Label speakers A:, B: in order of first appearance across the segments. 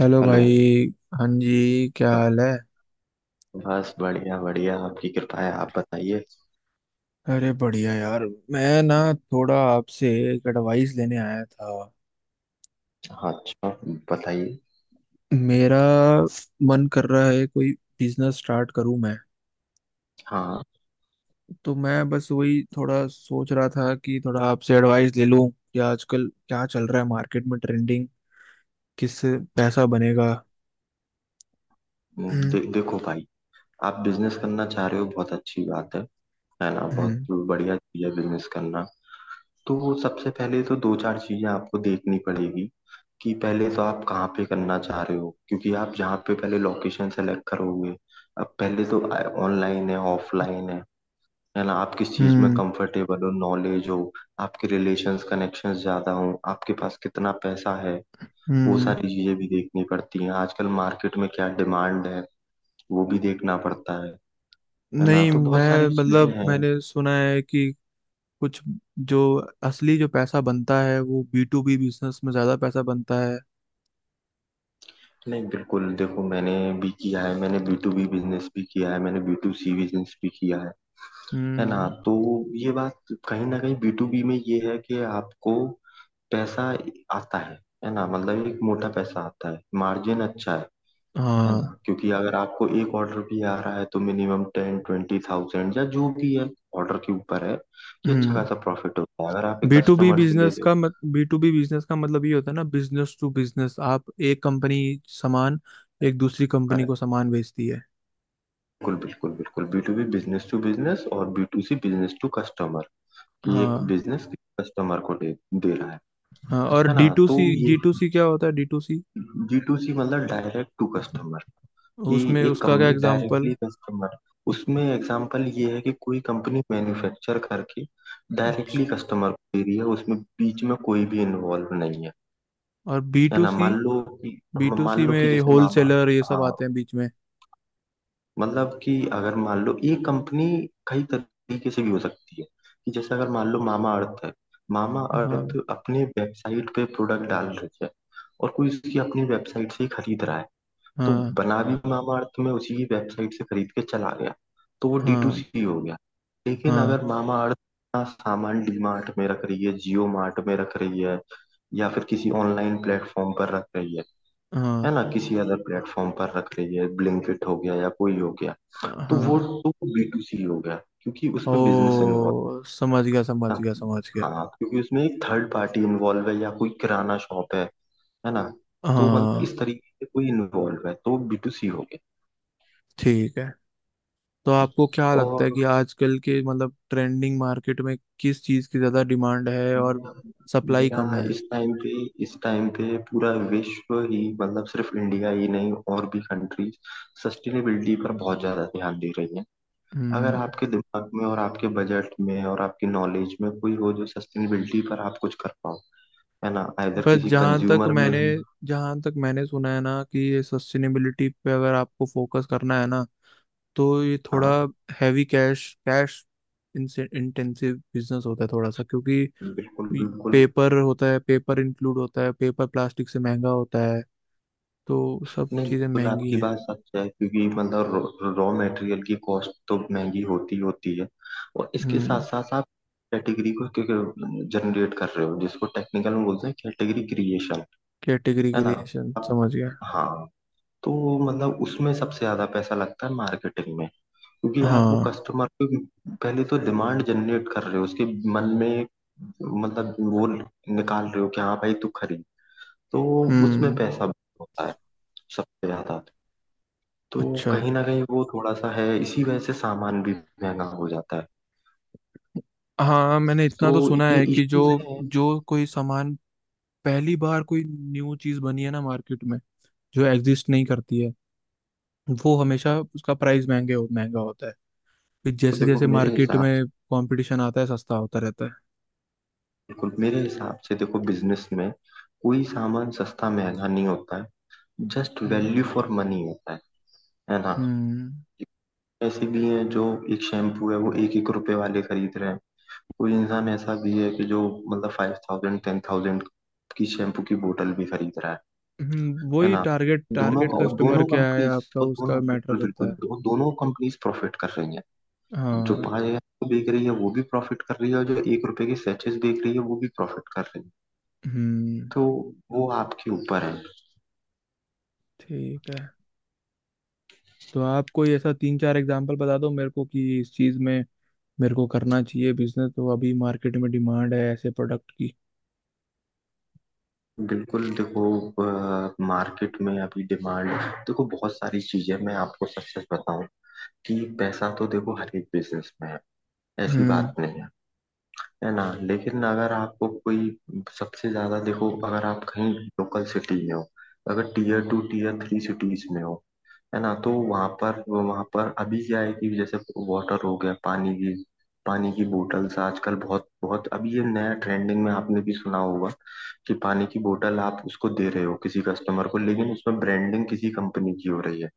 A: Hello
B: hello.
A: भाई। हाँ जी, क्या हाल है?
B: बस बढ़िया बढ़िया, आपकी कृपा है, आप बताइए।
A: अरे बढ़िया यार। मैं ना थोड़ा आपसे एक एडवाइस लेने आया था।
B: हाँ, अच्छा, बताइए।
A: मेरा मन कर रहा है कोई बिजनेस स्टार्ट करूं मैं।
B: हाँ।
A: तो मैं बस वही थोड़ा सोच रहा था कि थोड़ा आपसे एडवाइस ले लूं कि आजकल क्या चल रहा है मार्केट में ट्रेंडिंग, किससे पैसा बनेगा। हम्म।
B: देखो भाई, आप बिजनेस करना चाह रहे हो, बहुत अच्छी बात है ना? बहुत
A: हम्म।
B: बढ़िया चीज है बिजनेस करना। तो सबसे पहले तो दो चार चीजें आपको देखनी पड़ेगी कि पहले तो आप कहाँ पे करना चाह रहे हो, क्योंकि आप जहाँ पे पहले लोकेशन सेलेक्ट करोगे। अब पहले तो ऑनलाइन है ऑफलाइन है ना? आप किस चीज में
A: हम्म।
B: कंफर्टेबल हो, नॉलेज हो, आपके रिलेशंस कनेक्शंस ज्यादा हो, आपके पास कितना पैसा है, वो
A: हम्म।
B: सारी चीजें भी देखनी पड़ती हैं। आजकल मार्केट में क्या डिमांड है, वो भी देखना पड़ता है ना?
A: नहीं,
B: तो बहुत सारी
A: मैं
B: चीजें
A: मतलब
B: हैं।
A: मैंने सुना है कि कुछ जो असली जो पैसा बनता है वो बी टू बी बिजनेस में ज्यादा पैसा बनता है।
B: नहीं बिल्कुल, देखो मैंने भी किया है, मैंने बी टू बी बिजनेस भी किया है, मैंने बी टू सी बिजनेस भी किया है ना?
A: हम्म।
B: तो ये बात, कहीं ना कहीं बी टू बी में ये है कि आपको पैसा आता है ना? मतलब एक मोटा पैसा आता है, मार्जिन अच्छा है
A: हाँ।
B: ना? क्योंकि अगर आपको एक ऑर्डर भी आ रहा है तो मिनिमम टेन ट्वेंटी थाउजेंड या जो भी है ऑर्डर के ऊपर है, कि अच्छा
A: हम्म।
B: खासा प्रॉफिट होता है अगर आप एक
A: बी टू बी
B: कस्टमर से ले
A: बिजनेस
B: रहे हो।
A: का मत बी टू बी बिजनेस का मतलब ये होता है ना, बिजनेस टू बिजनेस। आप एक कंपनी सामान एक दूसरी कंपनी को
B: करेक्ट,
A: सामान बेचती है।
B: बिल्कुल बिल्कुल बिल्कुल, B to B business to business और B to C business to customer, कि एक
A: हाँ।
B: बिजनेस कस्टमर को दे रहा है
A: हाँ, और
B: है ना?
A: डी टू
B: तो
A: सी,
B: ये
A: डी टू सी क्या होता है D to C?
B: G to C मतलब डायरेक्ट टू कस्टमर, कि
A: उसमें
B: एक
A: उसका क्या
B: कंपनी
A: एग्जाम्पल?
B: Directly customer. उसमें एग्जांपल ये है कि कोई कंपनी मैन्युफैक्चर करके डायरेक्टली
A: अच्छा,
B: कस्टमर को दे रही है, उसमें बीच में कोई भी इन्वॉल्व नहीं है,
A: और बी
B: है
A: टू
B: ना?
A: सी,
B: मान लो कि
A: बी टू सी में
B: जैसे मामा,
A: होलसेलर ये सब
B: हाँ,
A: आते हैं बीच में?
B: मतलब कि अगर मान लो ये कंपनी कई तरीके से भी हो सकती है, कि जैसे अगर मान लो मामा अर्थ है, मामा
A: हाँ।
B: अर्थ अपने वेबसाइट पे प्रोडक्ट डाल रही है और कोई उसकी अपनी वेबसाइट से ही खरीद रहा है, तो
A: हाँ।
B: बना भी, हाँ मामाअर्थ में उसी की वेबसाइट से खरीद के चला गया, तो वो डी टू
A: हाँ।
B: सी हो गया। लेकिन
A: हाँ।
B: अगर मामाअर्थ अपना सामान डी मार्ट में रख रही है, जियो मार्ट में रख रही है, या फिर किसी ऑनलाइन प्लेटफॉर्म पर रख रही है
A: हाँ।
B: है ना? किसी अदर प्लेटफॉर्म पर रख रही है, ब्लिंकिट हो गया या कोई हो गया, तो वो
A: हाँ।
B: तो बी टू सी हो गया, क्योंकि उसमें बिजनेस इन्वॉल्व,
A: ओ समझ गया, समझ
B: है
A: गया,
B: ना?
A: समझ गया।
B: हाँ, क्योंकि उसमें एक थर्ड पार्टी इन्वॉल्व है या कोई किराना शॉप है ना? तो मतलब इस
A: हाँ।
B: तरीके से कोई इन्वॉल्व है तो बी टू सी हो गया।
A: ठीक है। तो आपको क्या लगता है
B: और
A: कि आजकल के मतलब ट्रेंडिंग मार्केट में किस चीज़ की ज़्यादा डिमांड है और
B: मेरा
A: सप्लाई कम
B: मेरा
A: है?
B: इस टाइम पे इस टाइम पे पूरा विश्व ही, मतलब सिर्फ इंडिया ही नहीं और भी कंट्रीज सस्टेनेबिलिटी पर बहुत ज्यादा ध्यान दे रही हैं। अगर
A: हम्म।
B: आपके दिमाग में और आपके बजट में और आपकी नॉलेज में कोई हो जो सस्टेनेबिलिटी पर आप कुछ कर पाओ, है ना? आइदर
A: बस
B: किसी
A: जहाँ तक
B: कंज्यूमर में
A: मैंने
B: हो,
A: जहाँ तक मैंने सुना है ना कि ये सस्टेनेबिलिटी पे अगर आपको फोकस करना है ना, तो ये थोड़ा
B: हाँ,
A: heavy cash cash intensive business होता है थोड़ा सा। क्योंकि
B: बिल्कुल बिल्कुल।
A: पेपर होता है, पेपर इंक्लूड होता है, पेपर प्लास्टिक से महंगा होता है, तो सब
B: नहीं
A: चीजें
B: बिल्कुल,
A: महंगी
B: आपकी
A: हैं।
B: बात सच है, क्योंकि मतलब रॉ मटेरियल की कॉस्ट तो महंगी होती ही होती है, और इसके साथ
A: हम्म।
B: साथ आप कैटेगरी को क्योंकि जनरेट कर रहे हो, जिसको टेक्निकल में बोलते हैं कैटेगरी क्रिएशन,
A: कैटेगरी
B: है ना?
A: क्रिएशन,
B: आप,
A: समझ गया।
B: हाँ, तो मतलब उसमें सबसे ज्यादा पैसा लगता है मार्केटिंग में, क्योंकि आप वो
A: हाँ।
B: कस्टमर को पहले तो डिमांड जनरेट कर रहे हो, उसके मन में एक, मतलब वो निकाल रहे हो कि हाँ भाई तू खरीद। तो उसमें
A: हम्म।
B: पैसा होता है सबसे ज्यादा। तो
A: अच्छा।
B: कहीं ना कहीं वो थोड़ा-सा है, इसी वजह से सामान भी महँगा हो जाता है।
A: हाँ, मैंने
B: तो
A: इतना तो सुना
B: ये
A: है कि जो
B: इश्यूज़ हैं।
A: जो कोई सामान पहली बार कोई न्यू चीज बनी है ना मार्केट में, जो एग्जिस्ट नहीं करती है, वो हमेशा उसका प्राइस महंगा होता है। फिर
B: तो
A: जैसे
B: देखो
A: जैसे
B: मेरे
A: मार्केट
B: हिसाब से,
A: में कंपटीशन आता है सस्ता होता रहता है।
B: देखो मेरे हिसाब से देखो, बिज़नेस में कोई सामान सस्ता महँगा नहीं होता है, just
A: hmm.
B: Value for money होता है ना?
A: हम्म।
B: ऐसे भी हैं जो एक शैम्पू है वो एक एक रुपए वाले खरीद रहे हैं, कोई इंसान ऐसा भी है कि जो मतलब 5,000 10,000 की शैम्पू की बोतल भी खरीद रहा है
A: वही
B: ना?
A: टारगेट
B: दोनों
A: टारगेट
B: का, और
A: कस्टमर
B: दोनों
A: क्या है
B: कंपनीज़,
A: आपका,
B: और
A: उसका
B: दोनों
A: मैटर
B: बिल्कुल,
A: करता
B: बिल्कुल,
A: है।
B: दो दोनों कंपनीज़ प्रॉफ़िट कर रही हैं। जो
A: हाँ।
B: पाँच हजार की बेच रही है वो भी प्रॉफिट कर रही है, और जो एक रुपए की सैचेस बेच रही है वो भी प्रॉफिट कर रही है।
A: हम्म।
B: तो वो आपके ऊपर है।
A: ठीक है, तो आप कोई ऐसा तीन चार एग्जांपल बता दो मेरे को कि इस चीज में मेरे को करना चाहिए बिजनेस, तो अभी मार्केट में डिमांड है ऐसे प्रोडक्ट की।
B: बिल्कुल देखो, मार्केट में अभी डिमांड, देखो बहुत सारी चीजें, मैं आपको सच सच बताऊं कि पैसा तो देखो हर एक बिजनेस में है, ऐसी बात
A: हम्म।
B: नहीं है, है ना? लेकिन अगर आपको कोई, सबसे ज्यादा देखो, अगर आप कहीं लोकल सिटी में हो, अगर tier two tier three cities में हो, है ना? तो वहां पर, वहां पर अभी क्या है कि जैसे वाटर हो गया, पानी की, पानी की बोटल्स आजकल बहुत बहुत, अभी ये नया ट्रेंडिंग में आपने भी सुना होगा कि पानी की बोतल आप उसको दे रहे हो किसी कस्टमर को, लेकिन उसमें ब्रांडिंग किसी कंपनी की हो रही है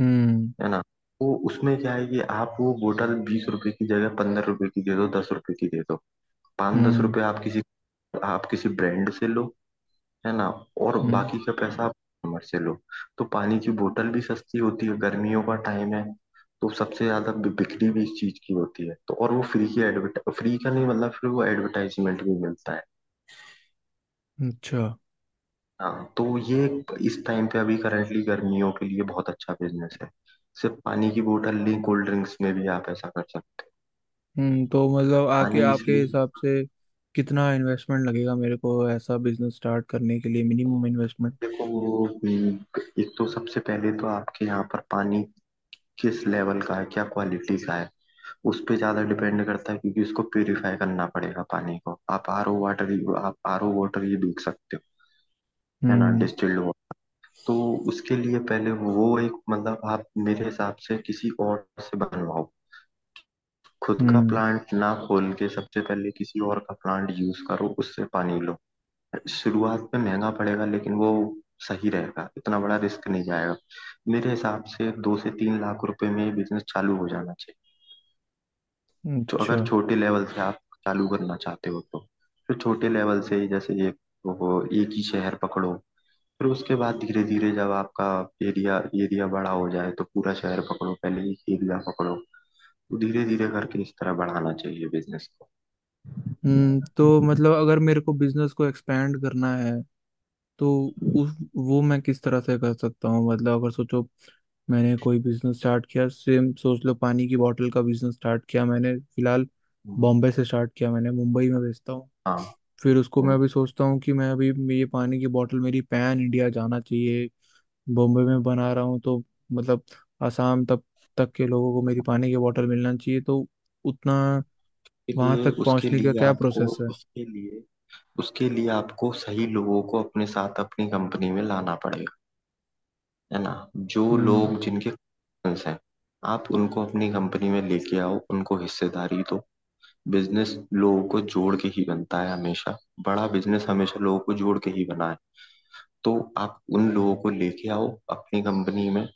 A: हम्म।
B: है ना? तो उसमें क्या है कि आप वो बोतल बीस रुपए की जगह पंद्रह रुपए की दे दो, दस रुपए की दे दो, पाँच दस
A: हम्म।
B: रुपए आप किसी, आप किसी ब्रांड से लो, है ना? और
A: हम्म।
B: बाकी का पैसा आप कस्टमर से लो। तो पानी की बोतल भी सस्ती होती है, गर्मियों का टाइम है, तो सबसे ज्यादा बिक्री भी इस चीज की होती है। तो और वो फ्री की एडवर्ट, फ्री का नहीं मतलब, फिर वो एडवर्टाइजमेंट भी मिलता है।
A: अच्छा।
B: हाँ, तो ये इस टाइम पे अभी करंटली गर्मियों के लिए बहुत अच्छा बिजनेस है। सिर्फ पानी की बोतल नहीं, कोल्ड ड्रिंक्स में भी आप ऐसा कर सकते हैं।
A: हम्म, तो मतलब आके
B: पानी
A: आपके
B: इसलिए,
A: हिसाब से कितना इन्वेस्टमेंट लगेगा मेरे को ऐसा बिजनेस स्टार्ट करने के लिए, मिनिमम इन्वेस्टमेंट?
B: देखो वो, एक तो सबसे पहले तो आपके यहाँ पर पानी किस लेवल का है, क्या क्वालिटी का है, उस पे ज्यादा डिपेंड करता है, क्योंकि उसको प्यूरिफाई करना पड़ेगा पानी को। आप आर ओ वाटर ये दूध सकते हो, है ना?
A: हम्म।
B: Distilled water. तो उसके लिए पहले वो एक, मतलब आप मेरे हिसाब से किसी और से बनवाओ, खुद का
A: हम्म।
B: प्लांट ना खोल के सबसे पहले, किसी और का प्लांट यूज करो, उससे पानी लो। शुरुआत में महंगा पड़ेगा, लेकिन वो सही रहेगा, इतना बड़ा रिस्क नहीं जाएगा। मेरे हिसाब से दो से तीन लाख रुपए में बिजनेस चालू हो जाना। तो
A: अच्छा।
B: अगर छोटे लेवल से आप चालू करना चाहते हो तो फिर छोटे लेवल से ही, जैसे एक, वो एक ही शहर पकड़ो। फिर उसके बाद धीरे धीरे जब आपका एरिया एरिया बड़ा हो जाए तो पूरा शहर पकड़ो, पहले एक एरिया पकड़ो। तो धीरे धीरे करके इस तरह बढ़ाना चाहिए बिजनेस को।
A: हम्म, तो मतलब अगर मेरे को बिजनेस को एक्सपेंड करना है तो उस वो मैं किस तरह से कर सकता हूँ? मतलब अगर सोचो, मैंने कोई बिजनेस स्टार्ट किया, सेम सोच लो पानी की बोतल का बिजनेस स्टार्ट किया मैंने, फिलहाल
B: हम्म,
A: बॉम्बे से स्टार्ट किया, मैंने मुंबई में बेचता हूँ।
B: हाँ,
A: फिर उसको मैं
B: हम्म।
A: अभी सोचता हूँ कि मैं अभी ये पानी की बोतल मेरी पैन इंडिया जाना चाहिए। बॉम्बे में बना रहा हूँ तो मतलब आसाम तक तक के लोगों को मेरी पानी की बोतल मिलना चाहिए, तो उतना
B: उसके
A: वहां
B: लिए
A: तक
B: उसके
A: पहुंचने का
B: लिए
A: क्या
B: आपको
A: प्रोसेस है?
B: उसके लिए उसके लिए आपको सही लोगों को अपने साथ अपनी कंपनी में लाना पड़ेगा, है ना? जो
A: हम्म।
B: लोग, जिनके connections हैं, आप उनको अपनी कंपनी में लेके आओ, उनको हिस्सेदारी दो। बिजनेस लोगों को जोड़ के ही बनता है हमेशा, बड़ा बिजनेस हमेशा लोगों को जोड़ के ही बना है। तो आप उन लोगों को लेके आओ अपनी कंपनी में,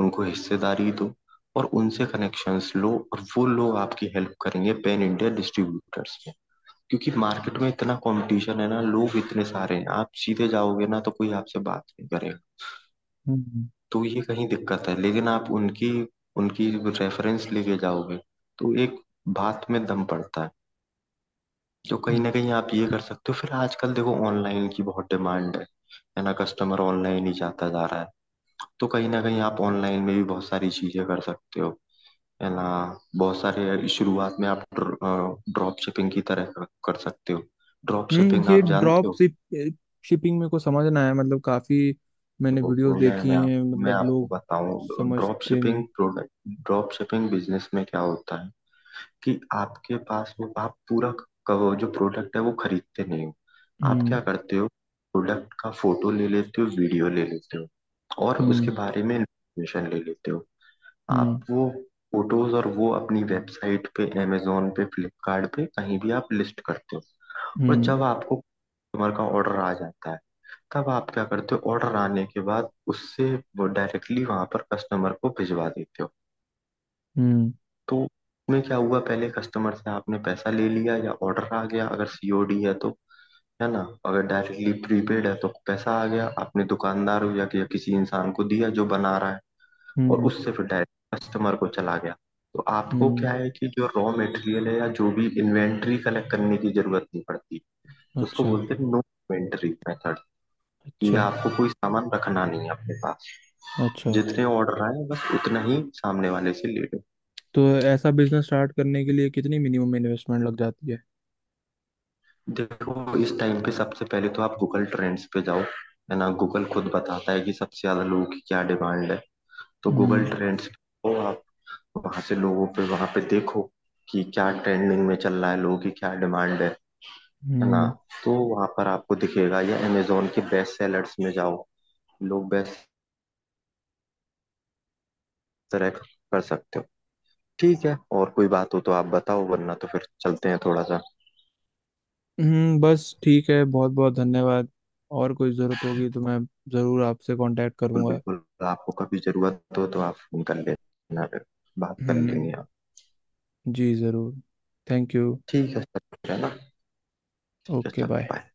B: उनको हिस्सेदारी दो और उनसे कनेक्शंस लो, और वो लोग आपकी हेल्प करेंगे पैन इंडिया डिस्ट्रीब्यूटर्स में। क्योंकि मार्केट में इतना कंपटीशन है ना, लोग इतने सारे हैं, आप सीधे जाओगे ना तो कोई आपसे बात नहीं करेगा।
A: हम्म।
B: तो ये कहीं दिक्कत है, लेकिन आप उनकी उनकी रेफरेंस लेके जाओगे तो एक बात में दम पड़ता है। तो कहीं
A: हम्म।
B: ना कहीं आप ये कर सकते हो। फिर आजकल देखो ऑनलाइन की बहुत डिमांड है ना? कस्टमर ऑनलाइन ही जाता जा रहा है। तो कहीं ना कहीं आप ऑनलाइन में भी बहुत सारी चीजें कर सकते हो, है ना? बहुत सारे, शुरुआत में आप ड्रॉप शिपिंग की तरह कर सकते हो। ड्रॉप शिपिंग
A: ये
B: आप जानते
A: ड्रॉप
B: हो?
A: शिपिंग मेरे को समझना है, मतलब काफी मैंने
B: देखो
A: वीडियोस
B: मैं
A: देखी
B: मैं, आप,
A: हैं
B: मैं
A: मतलब
B: आपको
A: लोग
B: बताऊं,
A: समझते नहीं।
B: ड्रॉप शिपिंग बिजनेस में क्या होता है, कि आपके पास में आप पूरा कवर, जो प्रोडक्ट है वो खरीदते नहीं हो। आप क्या
A: हम्म।
B: करते हो, प्रोडक्ट का फोटो ले लेते हो, वीडियो ले लेते हो और उसके
A: हम्म।
B: बारे में इंफॉर्मेशन ले लेते हो। आप
A: हम्म।
B: वो फोटोज और वो अपनी वेबसाइट पे, amazon पे, फ्लिपकार्ट पे कहीं भी आप लिस्ट करते हो। और
A: हम्म।
B: जब आपको कस्टमर का ऑर्डर आ जाता है, तब आप क्या करते हो, ऑर्डर आने के बाद उससे वो डायरेक्टली वहां पर कस्टमर को भिजवा देते हो।
A: हम्म।
B: तो उसमें क्या हुआ, पहले कस्टमर से आपने पैसा ले लिया या ऑर्डर आ गया अगर सीओडी है तो, है ना? अगर डायरेक्टली प्रीपेड है तो पैसा आ गया, आपने दुकानदार या किसी इंसान को दिया जो बना रहा है, और
A: हम्म।
B: उससे फिर डायरेक्ट कस्टमर को चला गया। तो आपको
A: हम्म,
B: क्या है कि जो रॉ मटेरियल है या जो भी इन्वेंट्री कलेक्ट करने की जरूरत नहीं पड़ती। तो उसको
A: अच्छा।
B: बोलते हैं नो इन्वेंट्री मेथड, कि
A: अच्छा।
B: आपको कोई सामान रखना नहीं है अपने पास।
A: अच्छा,
B: जितने ऑर्डर आए बस उतना ही सामने वाले से ले लो।
A: तो ऐसा बिजनेस स्टार्ट करने के लिए कितनी मिनिमम इन्वेस्टमेंट लग जाती है?
B: देखो इस टाइम पे सबसे पहले तो आप गूगल ट्रेंड्स पे जाओ, है ना? गूगल खुद बताता है कि सबसे ज्यादा लोगों की क्या डिमांड है। तो गूगल
A: हम्म।
B: ट्रेंड्स पे जाओ, आप वहां से लोगों पे, वहां पे देखो कि क्या ट्रेंडिंग में चल रहा है, लोगों की क्या डिमांड है ना?
A: हम्म।
B: तो वहां पर आपको दिखेगा, या अमेजोन के बेस्ट सेलर्स में जाओ, लोग बेस्ट सेलेक्ट कर सकते हो। ठीक है, और कोई बात हो तो आप बताओ, वरना तो फिर चलते हैं थोड़ा सा।
A: बस ठीक है, बहुत बहुत धन्यवाद। और कोई ज़रूरत होगी तो मैं ज़रूर आपसे कांटेक्ट
B: बिल्कुल
A: करूंगा।
B: बिल्कुल, आपको कभी जरूरत हो तो आप फोन कर लेना, फिर बात कर लेंगे।
A: हम्म। जी ज़रूर। Thank you.
B: ठीक है सर, है ना? ठीक है
A: ओके
B: सर,
A: बाय।
B: बाय।